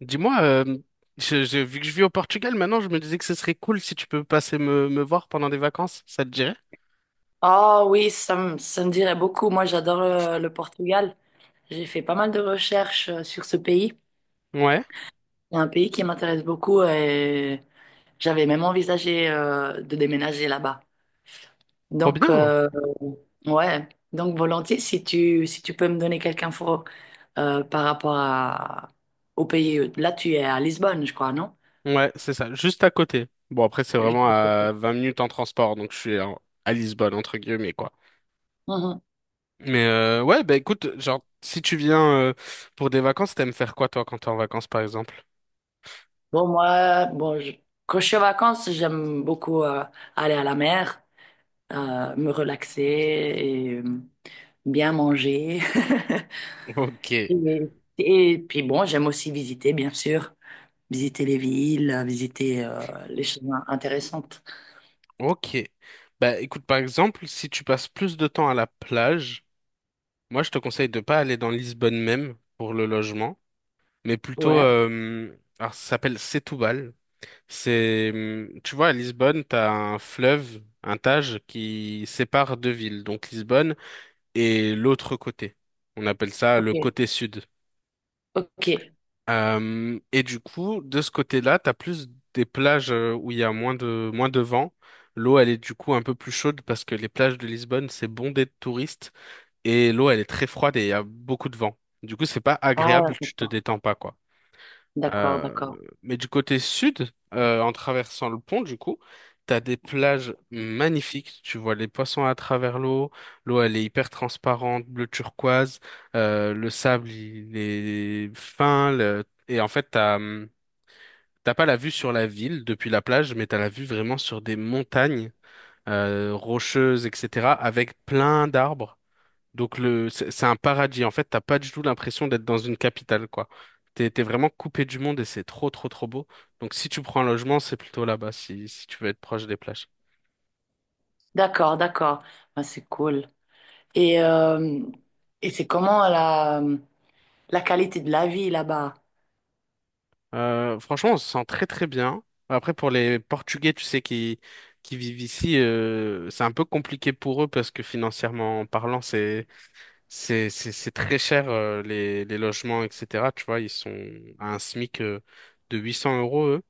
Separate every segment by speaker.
Speaker 1: Dis-moi, vu que je vis au Portugal maintenant, je me disais que ce serait cool si tu peux passer me voir pendant des vacances, ça te dirait?
Speaker 2: Ah oui, ça me dirait beaucoup. Moi, j'adore le Portugal. J'ai fait pas mal de recherches sur ce pays.
Speaker 1: Ouais,
Speaker 2: C'est un pays qui m'intéresse beaucoup et j'avais même envisagé de déménager là-bas.
Speaker 1: trop
Speaker 2: Donc,
Speaker 1: bien.
Speaker 2: euh, ouais. Donc, volontiers, si tu peux me donner quelques infos par rapport à, au pays. Là, tu es à Lisbonne, je crois, non?
Speaker 1: Ouais, c'est ça, juste à côté. Bon, après, c'est
Speaker 2: Je-
Speaker 1: vraiment à 20 minutes en transport, donc je suis à Lisbonne, entre guillemets, quoi.
Speaker 2: Mhm.
Speaker 1: Mais ouais, bah écoute, genre, si tu viens euh, pour des vacances, t'aimes faire quoi toi quand t'es en vacances par exemple?
Speaker 2: Bon, moi, bon, je- Quand je suis en vacances, j'aime beaucoup aller à la mer. Me relaxer et bien manger.
Speaker 1: Ok,
Speaker 2: Et, et puis bon, j'aime aussi visiter, bien sûr, visiter les villes, visiter les choses intéressantes.
Speaker 1: ok. Bah écoute, par exemple, si tu passes plus de temps à la plage, moi je te conseille de pas aller dans Lisbonne même pour le logement, mais plutôt,
Speaker 2: Ouais,
Speaker 1: alors ça s'appelle Setúbal. C'est, tu vois, à Lisbonne, t'as un fleuve, un Tage, qui sépare deux villes, donc Lisbonne et l'autre côté. On appelle ça le
Speaker 2: ok,
Speaker 1: côté sud.
Speaker 2: ok.
Speaker 1: Et du coup, de ce côté-là, t'as plus des plages où il y a moins de vent. L'eau, elle est du coup un peu plus chaude parce que les plages de Lisbonne, c'est bondé de touristes et l'eau, elle est très froide et il y a beaucoup de vent. Du coup, c'est pas
Speaker 2: Ah,
Speaker 1: agréable, tu te
Speaker 2: d'accord,
Speaker 1: détends pas, quoi.
Speaker 2: d'accord,
Speaker 1: Euh,
Speaker 2: d'accord.
Speaker 1: mais du côté sud, en traversant le pont, du coup, t'as des plages magnifiques. Tu vois les poissons à travers l'eau. L'eau, elle est hyper transparente, bleu turquoise. Le sable, il est fin. Et en fait, t'as pas la vue sur la ville depuis la plage, mais t'as la vue vraiment sur des montagnes rocheuses, etc., avec plein d'arbres. Donc le, c'est un paradis. En fait, t'as pas du tout l'impression d'être dans une capitale, quoi. T'es vraiment coupé du monde et c'est trop, trop, trop beau. Donc si tu prends un logement, c'est plutôt là-bas, si tu veux être proche des plages.
Speaker 2: D'accord, d'accord. Ah, c'est cool. Et, euh, et c'est comment la qualité de la vie là-bas?
Speaker 1: Franchement, on se sent très, très bien. Après, pour les Portugais, tu sais, qui vivent ici, c'est un peu compliqué pour eux parce que financièrement parlant, c'est très cher, les logements, etc. Tu vois, ils sont à un SMIC, de 800 euros, eux.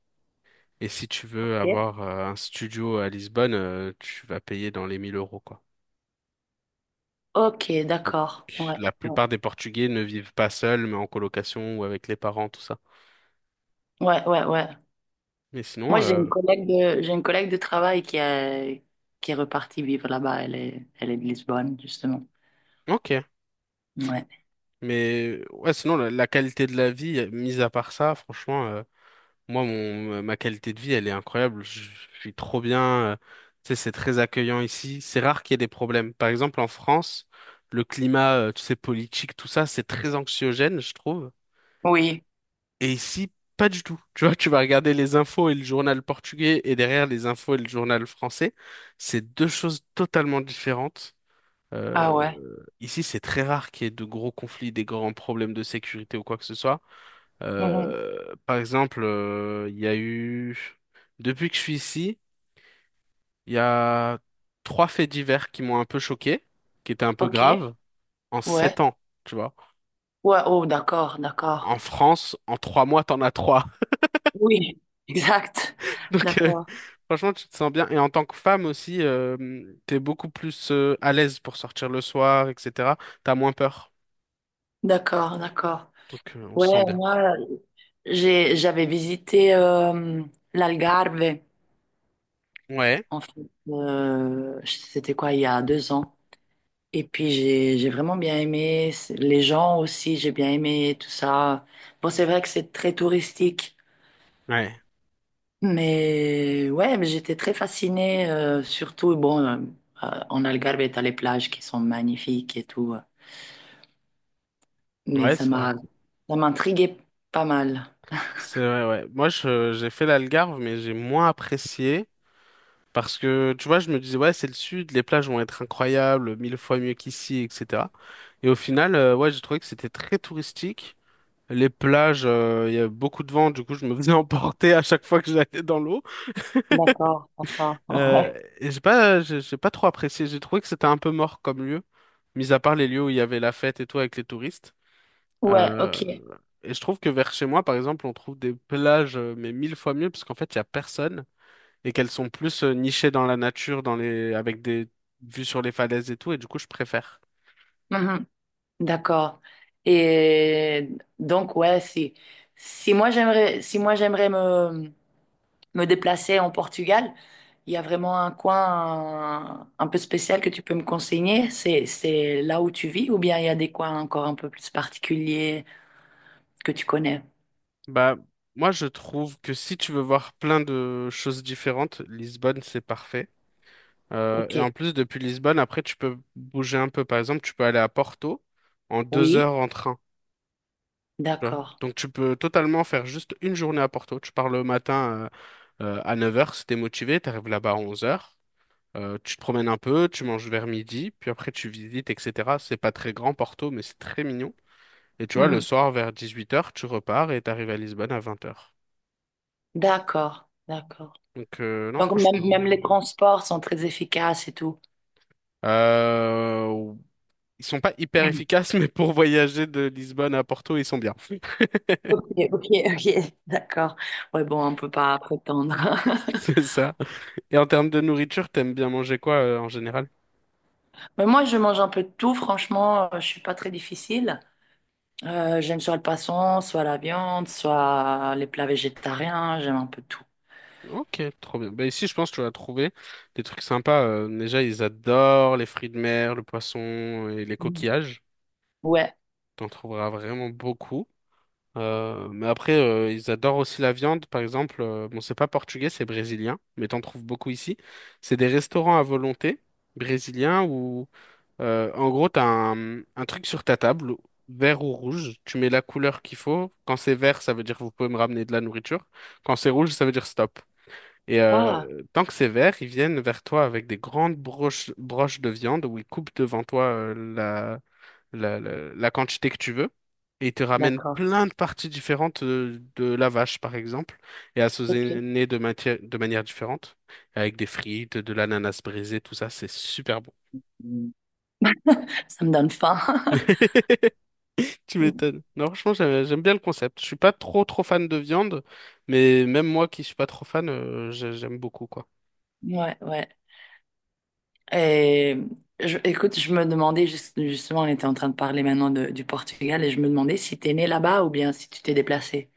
Speaker 1: Et si tu veux
Speaker 2: Ok.
Speaker 1: avoir un studio à Lisbonne, tu vas payer dans les 1 000 euros, quoi.
Speaker 2: Ok,
Speaker 1: Donc,
Speaker 2: d'accord. Ouais,
Speaker 1: la
Speaker 2: ouais,
Speaker 1: plupart des Portugais ne vivent pas seuls, mais en colocation ou avec les parents, tout ça.
Speaker 2: ouais, ouais, ouais.
Speaker 1: Mais sinon,
Speaker 2: Moi, j'ai une collègue de travail qui est repartie vivre là-bas. Elle est de Lisbonne, justement.
Speaker 1: ok.
Speaker 2: Ouais.
Speaker 1: Mais ouais, sinon, la qualité de la vie, mise à part ça, franchement, moi, ma qualité de vie, elle est incroyable. Je suis trop bien. euh, tu sais, c'est très accueillant ici. C'est rare qu'il y ait des problèmes. Par exemple, en France, le climat, tu sais, politique, tout ça, c'est très anxiogène, je trouve.
Speaker 2: Oui.
Speaker 1: Et ici, pas du tout. Tu vois, tu vas regarder les infos et le journal portugais et derrière les infos et le journal français. C'est deux choses totalement différentes.
Speaker 2: Ah
Speaker 1: Euh,
Speaker 2: ouais.
Speaker 1: ici, c'est très rare qu'il y ait de gros conflits, des grands problèmes de sécurité ou quoi que ce soit.
Speaker 2: Mhm.
Speaker 1: Par exemple, il y a eu. Depuis que je suis ici, il y a trois faits divers qui m'ont un peu choqué, qui étaient un peu
Speaker 2: OK.
Speaker 1: graves, en sept
Speaker 2: Ouais.
Speaker 1: ans, tu vois.
Speaker 2: Ouais. Oh, d'accord,
Speaker 1: En
Speaker 2: d'accord.
Speaker 1: en France, en 3 mois, t'en as trois.
Speaker 2: Oui, exact.
Speaker 1: Donc,
Speaker 2: D'accord,
Speaker 1: franchement, tu te sens bien. Et en tant que femme aussi, t'es beaucoup plus à l'aise pour sortir le soir, etc. T'as moins peur.
Speaker 2: d'accord, d'accord.
Speaker 1: Donc, on se sent
Speaker 2: Ouais,
Speaker 1: bien, quoi.
Speaker 2: moi, j'avais visité l'Algarve,
Speaker 1: Ouais,
Speaker 2: en fait. C'était quoi, il y a 2 ans. Et puis j'ai vraiment bien aimé les gens aussi, j'ai bien aimé tout ça. Bon, c'est vrai que c'est très touristique,
Speaker 1: ouais,
Speaker 2: mais ouais, mais j'étais très fascinée, surtout, en Algarve, t'as les plages qui sont magnifiques et tout, mais
Speaker 1: ouais, c'est vrai.
Speaker 2: ça m'intriguait pas mal.
Speaker 1: C'est vrai, ouais. Moi, j'ai fait l'Algarve, mais j'ai moins apprécié. Parce que, tu vois, je me disais, ouais, c'est le sud, les plages vont être incroyables, mille fois mieux qu'ici, etc. Et au final, ouais, j'ai trouvé que c'était très touristique. Les plages, il y avait beaucoup de vent, du coup, je me faisais emporter à chaque fois que j'allais dans l'eau.
Speaker 2: D'accord, d'accord.
Speaker 1: Euh,
Speaker 2: Ouais.
Speaker 1: et j'ai pas trop apprécié. J'ai trouvé que c'était un peu mort comme lieu, mis à part les lieux où il y avait la fête et tout avec les touristes.
Speaker 2: Ouais,
Speaker 1: Euh,
Speaker 2: ok.
Speaker 1: et je trouve que vers chez moi, par exemple, on trouve des plages, mais mille fois mieux, parce qu'en fait, il y a personne et qu'elles sont plus nichées dans la nature, avec des vues sur les falaises et tout. Et du coup, je préfère.
Speaker 2: Mhm. D'accord. Et donc ouais, si moi j'aimerais me déplaçais en Portugal, il y a vraiment un coin un peu spécial que tu peux me conseiller. C'est là où tu vis ou bien il y a des coins encore un peu plus particuliers que tu connais?
Speaker 1: Bah, moi, je trouve que si tu veux voir plein de choses différentes, Lisbonne, c'est parfait. Euh,
Speaker 2: Ok.
Speaker 1: et en plus, depuis Lisbonne, après, tu peux bouger un peu. Par exemple, tu peux aller à Porto en deux
Speaker 2: Oui,
Speaker 1: heures en train. Tu vois.
Speaker 2: d'accord.
Speaker 1: Donc, tu peux totalement faire juste une journée à Porto. Tu pars le matin à 9h, si t'es motivé, t'arrives là-bas à 11h. Tu te promènes un peu, tu manges vers midi, puis après tu visites, etc. C'est pas très grand Porto, mais c'est très mignon. Et tu vois, le
Speaker 2: Mhm.
Speaker 1: soir vers 18h, tu repars et t'arrives à Lisbonne à 20h.
Speaker 2: D'accord, d'accord.
Speaker 1: Donc, non,
Speaker 2: Donc, même,
Speaker 1: franchement.
Speaker 2: même les transports sont très efficaces et tout.
Speaker 1: euh, Ils sont pas hyper efficaces, mais pour voyager de Lisbonne à Porto, ils sont bien.
Speaker 2: Ok, ok, ok, d'accord. Ouais, bon, on peut pas prétendre.
Speaker 1: C'est ça. Et en termes de nourriture, t'aimes bien manger quoi en général?
Speaker 2: Mais moi, je mange un peu de tout, franchement, je suis pas très difficile. J'aime soit le poisson, soit la viande, soit les plats végétariens, j'aime un peu tout.
Speaker 1: Ok, trop bien. Bah ici, je pense que tu vas trouver des trucs sympas. Déjà, ils adorent les fruits de mer, le poisson et les
Speaker 2: Mhm.
Speaker 1: coquillages.
Speaker 2: Ouais.
Speaker 1: T'en trouveras vraiment beaucoup. Mais après, ils adorent aussi la viande, par exemple. Bon, c'est pas portugais, c'est brésilien, mais t'en trouves beaucoup ici. C'est des restaurants à volonté brésiliens. Où Euh, en gros, tu as un truc sur ta table, vert ou rouge. Tu mets la couleur qu'il faut. Quand c'est vert, ça veut dire vous pouvez me ramener de la nourriture. Quand c'est rouge, ça veut dire stop. Et
Speaker 2: Ah,
Speaker 1: tant que c'est vert, ils viennent vers toi avec des grandes broches, broches de viande où ils coupent devant toi la quantité que tu veux. Et ils te ramènent
Speaker 2: d'accord.
Speaker 1: plein de parties différentes de la vache, par exemple, et
Speaker 2: Ok.
Speaker 1: assaisonnées de manière différente, avec des frites, de l'ananas brisé, tout ça, c'est super bon.
Speaker 2: Mm. Ça me donne faim.
Speaker 1: Tu m'étonnes. Non, franchement, j'aime bien le concept. Je suis pas trop trop fan de viande, mais même moi qui suis pas trop fan, j'aime beaucoup quoi.
Speaker 2: Ouais, ouais. Et écoute, je me demandais, justement, on était en train de parler maintenant du Portugal, et je me demandais si t'es né là-bas ou bien si tu t'es déplacé.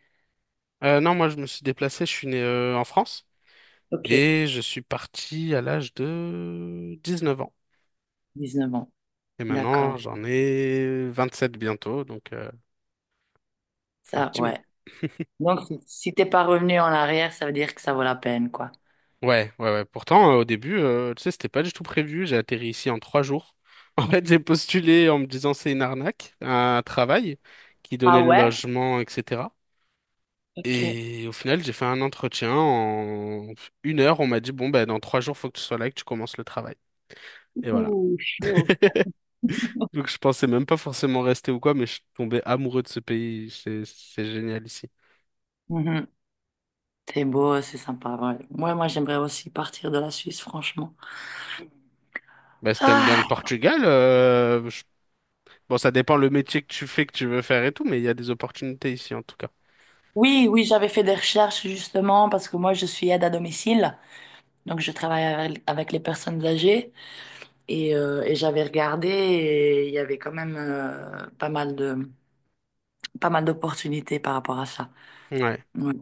Speaker 1: Non, moi je me suis déplacé, je suis né en France
Speaker 2: Ok.
Speaker 1: et je suis parti à l'âge de 19 ans.
Speaker 2: 19 ans.
Speaker 1: Et maintenant,
Speaker 2: D'accord.
Speaker 1: j'en ai 27 bientôt, donc ça fait un
Speaker 2: Ça,
Speaker 1: petit mot.
Speaker 2: ouais. Donc, si si t'es pas revenu en arrière, ça veut dire que ça vaut la peine, quoi.
Speaker 1: Ouais, ouais, ouais. Pourtant, au début, tu sais, c'était pas du tout prévu. J'ai atterri ici en 3 jours. En fait, j'ai postulé en me disant c'est une arnaque, un travail qui
Speaker 2: Ah
Speaker 1: donnait le
Speaker 2: ouais?
Speaker 1: logement, etc.
Speaker 2: Ok.
Speaker 1: Et au final, j'ai fait un entretien. En une heure, on m'a dit, bon, ben, dans 3 jours, faut que tu sois là et que tu commences le travail. Et voilà.
Speaker 2: Ouh, chaud.
Speaker 1: Donc, je pensais même pas forcément rester ou quoi, mais je suis tombé amoureux de ce pays. C'est génial ici.
Speaker 2: C'est beau, c'est sympa, ouais. Moi, moi, j'aimerais aussi partir de la Suisse, franchement.
Speaker 1: Bah, si t'aimes bien le
Speaker 2: Ah,
Speaker 1: Portugal, bon, ça dépend le métier que tu fais, que tu veux faire et tout, mais il y a des opportunités ici, en tout cas.
Speaker 2: oui, oui, j'avais fait des recherches justement parce que moi, je suis aide à domicile, donc je travaille avec les personnes âgées et j'avais regardé et il y avait quand même pas mal de, pas mal d'opportunités par rapport à ça.
Speaker 1: Ouais.
Speaker 2: Ouais,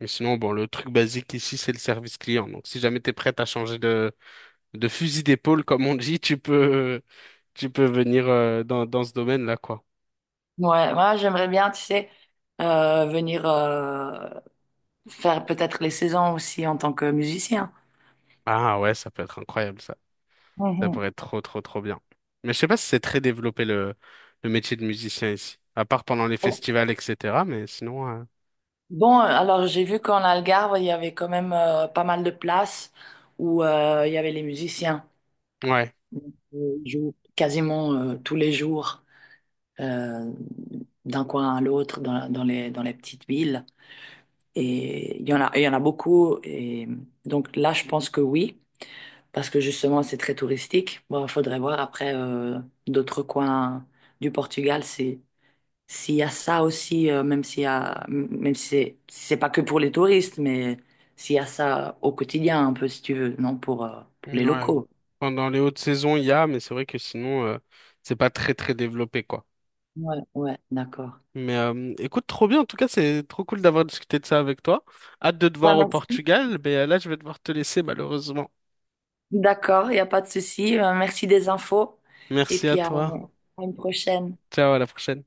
Speaker 1: Et sinon, bon, le truc basique ici, c'est le service client. Donc, si jamais t'es prête à changer de fusil d'épaule, comme on dit, tu peux venir, dans ce domaine-là, quoi.
Speaker 2: ouais, moi, j'aimerais bien, tu sais, venir faire peut-être les saisons aussi en tant que musicien.
Speaker 1: Ah ouais, ça peut être incroyable ça. Ça pourrait être trop trop trop bien. Mais je sais pas si c'est très développé le métier de musicien ici. À part pendant les
Speaker 2: Mhm.
Speaker 1: festivals, etc. Mais sinon,
Speaker 2: Bon, alors j'ai vu qu'en Algarve, il y avait quand même pas mal de places où il y avait les musiciens.
Speaker 1: ouais.
Speaker 2: Donc, ils jouent quasiment tous les jours euh, d'un coin à l'autre dans les petites villes. Et il y en a beaucoup. Et donc là, je pense que oui, parce que justement, c'est très touristique. Bon, il faudrait voir après d'autres coins du Portugal si, s'il y a ça aussi, même s'il y a, même si c'est pas que pour les touristes, mais s'il y a ça au quotidien, un peu, si tu veux, non, pour les
Speaker 1: Ouais.
Speaker 2: locaux.
Speaker 1: Pendant les hautes saisons, il y a, mais c'est vrai que sinon, c'est pas très très développé quoi.
Speaker 2: Ouais, ouais, d'accord.
Speaker 1: Mais écoute, trop bien. En tout cas, c'est trop cool d'avoir discuté de ça avec toi. Hâte de te
Speaker 2: Bah,
Speaker 1: voir au
Speaker 2: merci.
Speaker 1: Portugal. Mais là, je vais devoir te laisser malheureusement.
Speaker 2: D'accord, il n'y a pas de souci. Merci des infos. Et
Speaker 1: Merci à
Speaker 2: puis
Speaker 1: toi.
Speaker 2: à une prochaine.
Speaker 1: Ciao, à la prochaine.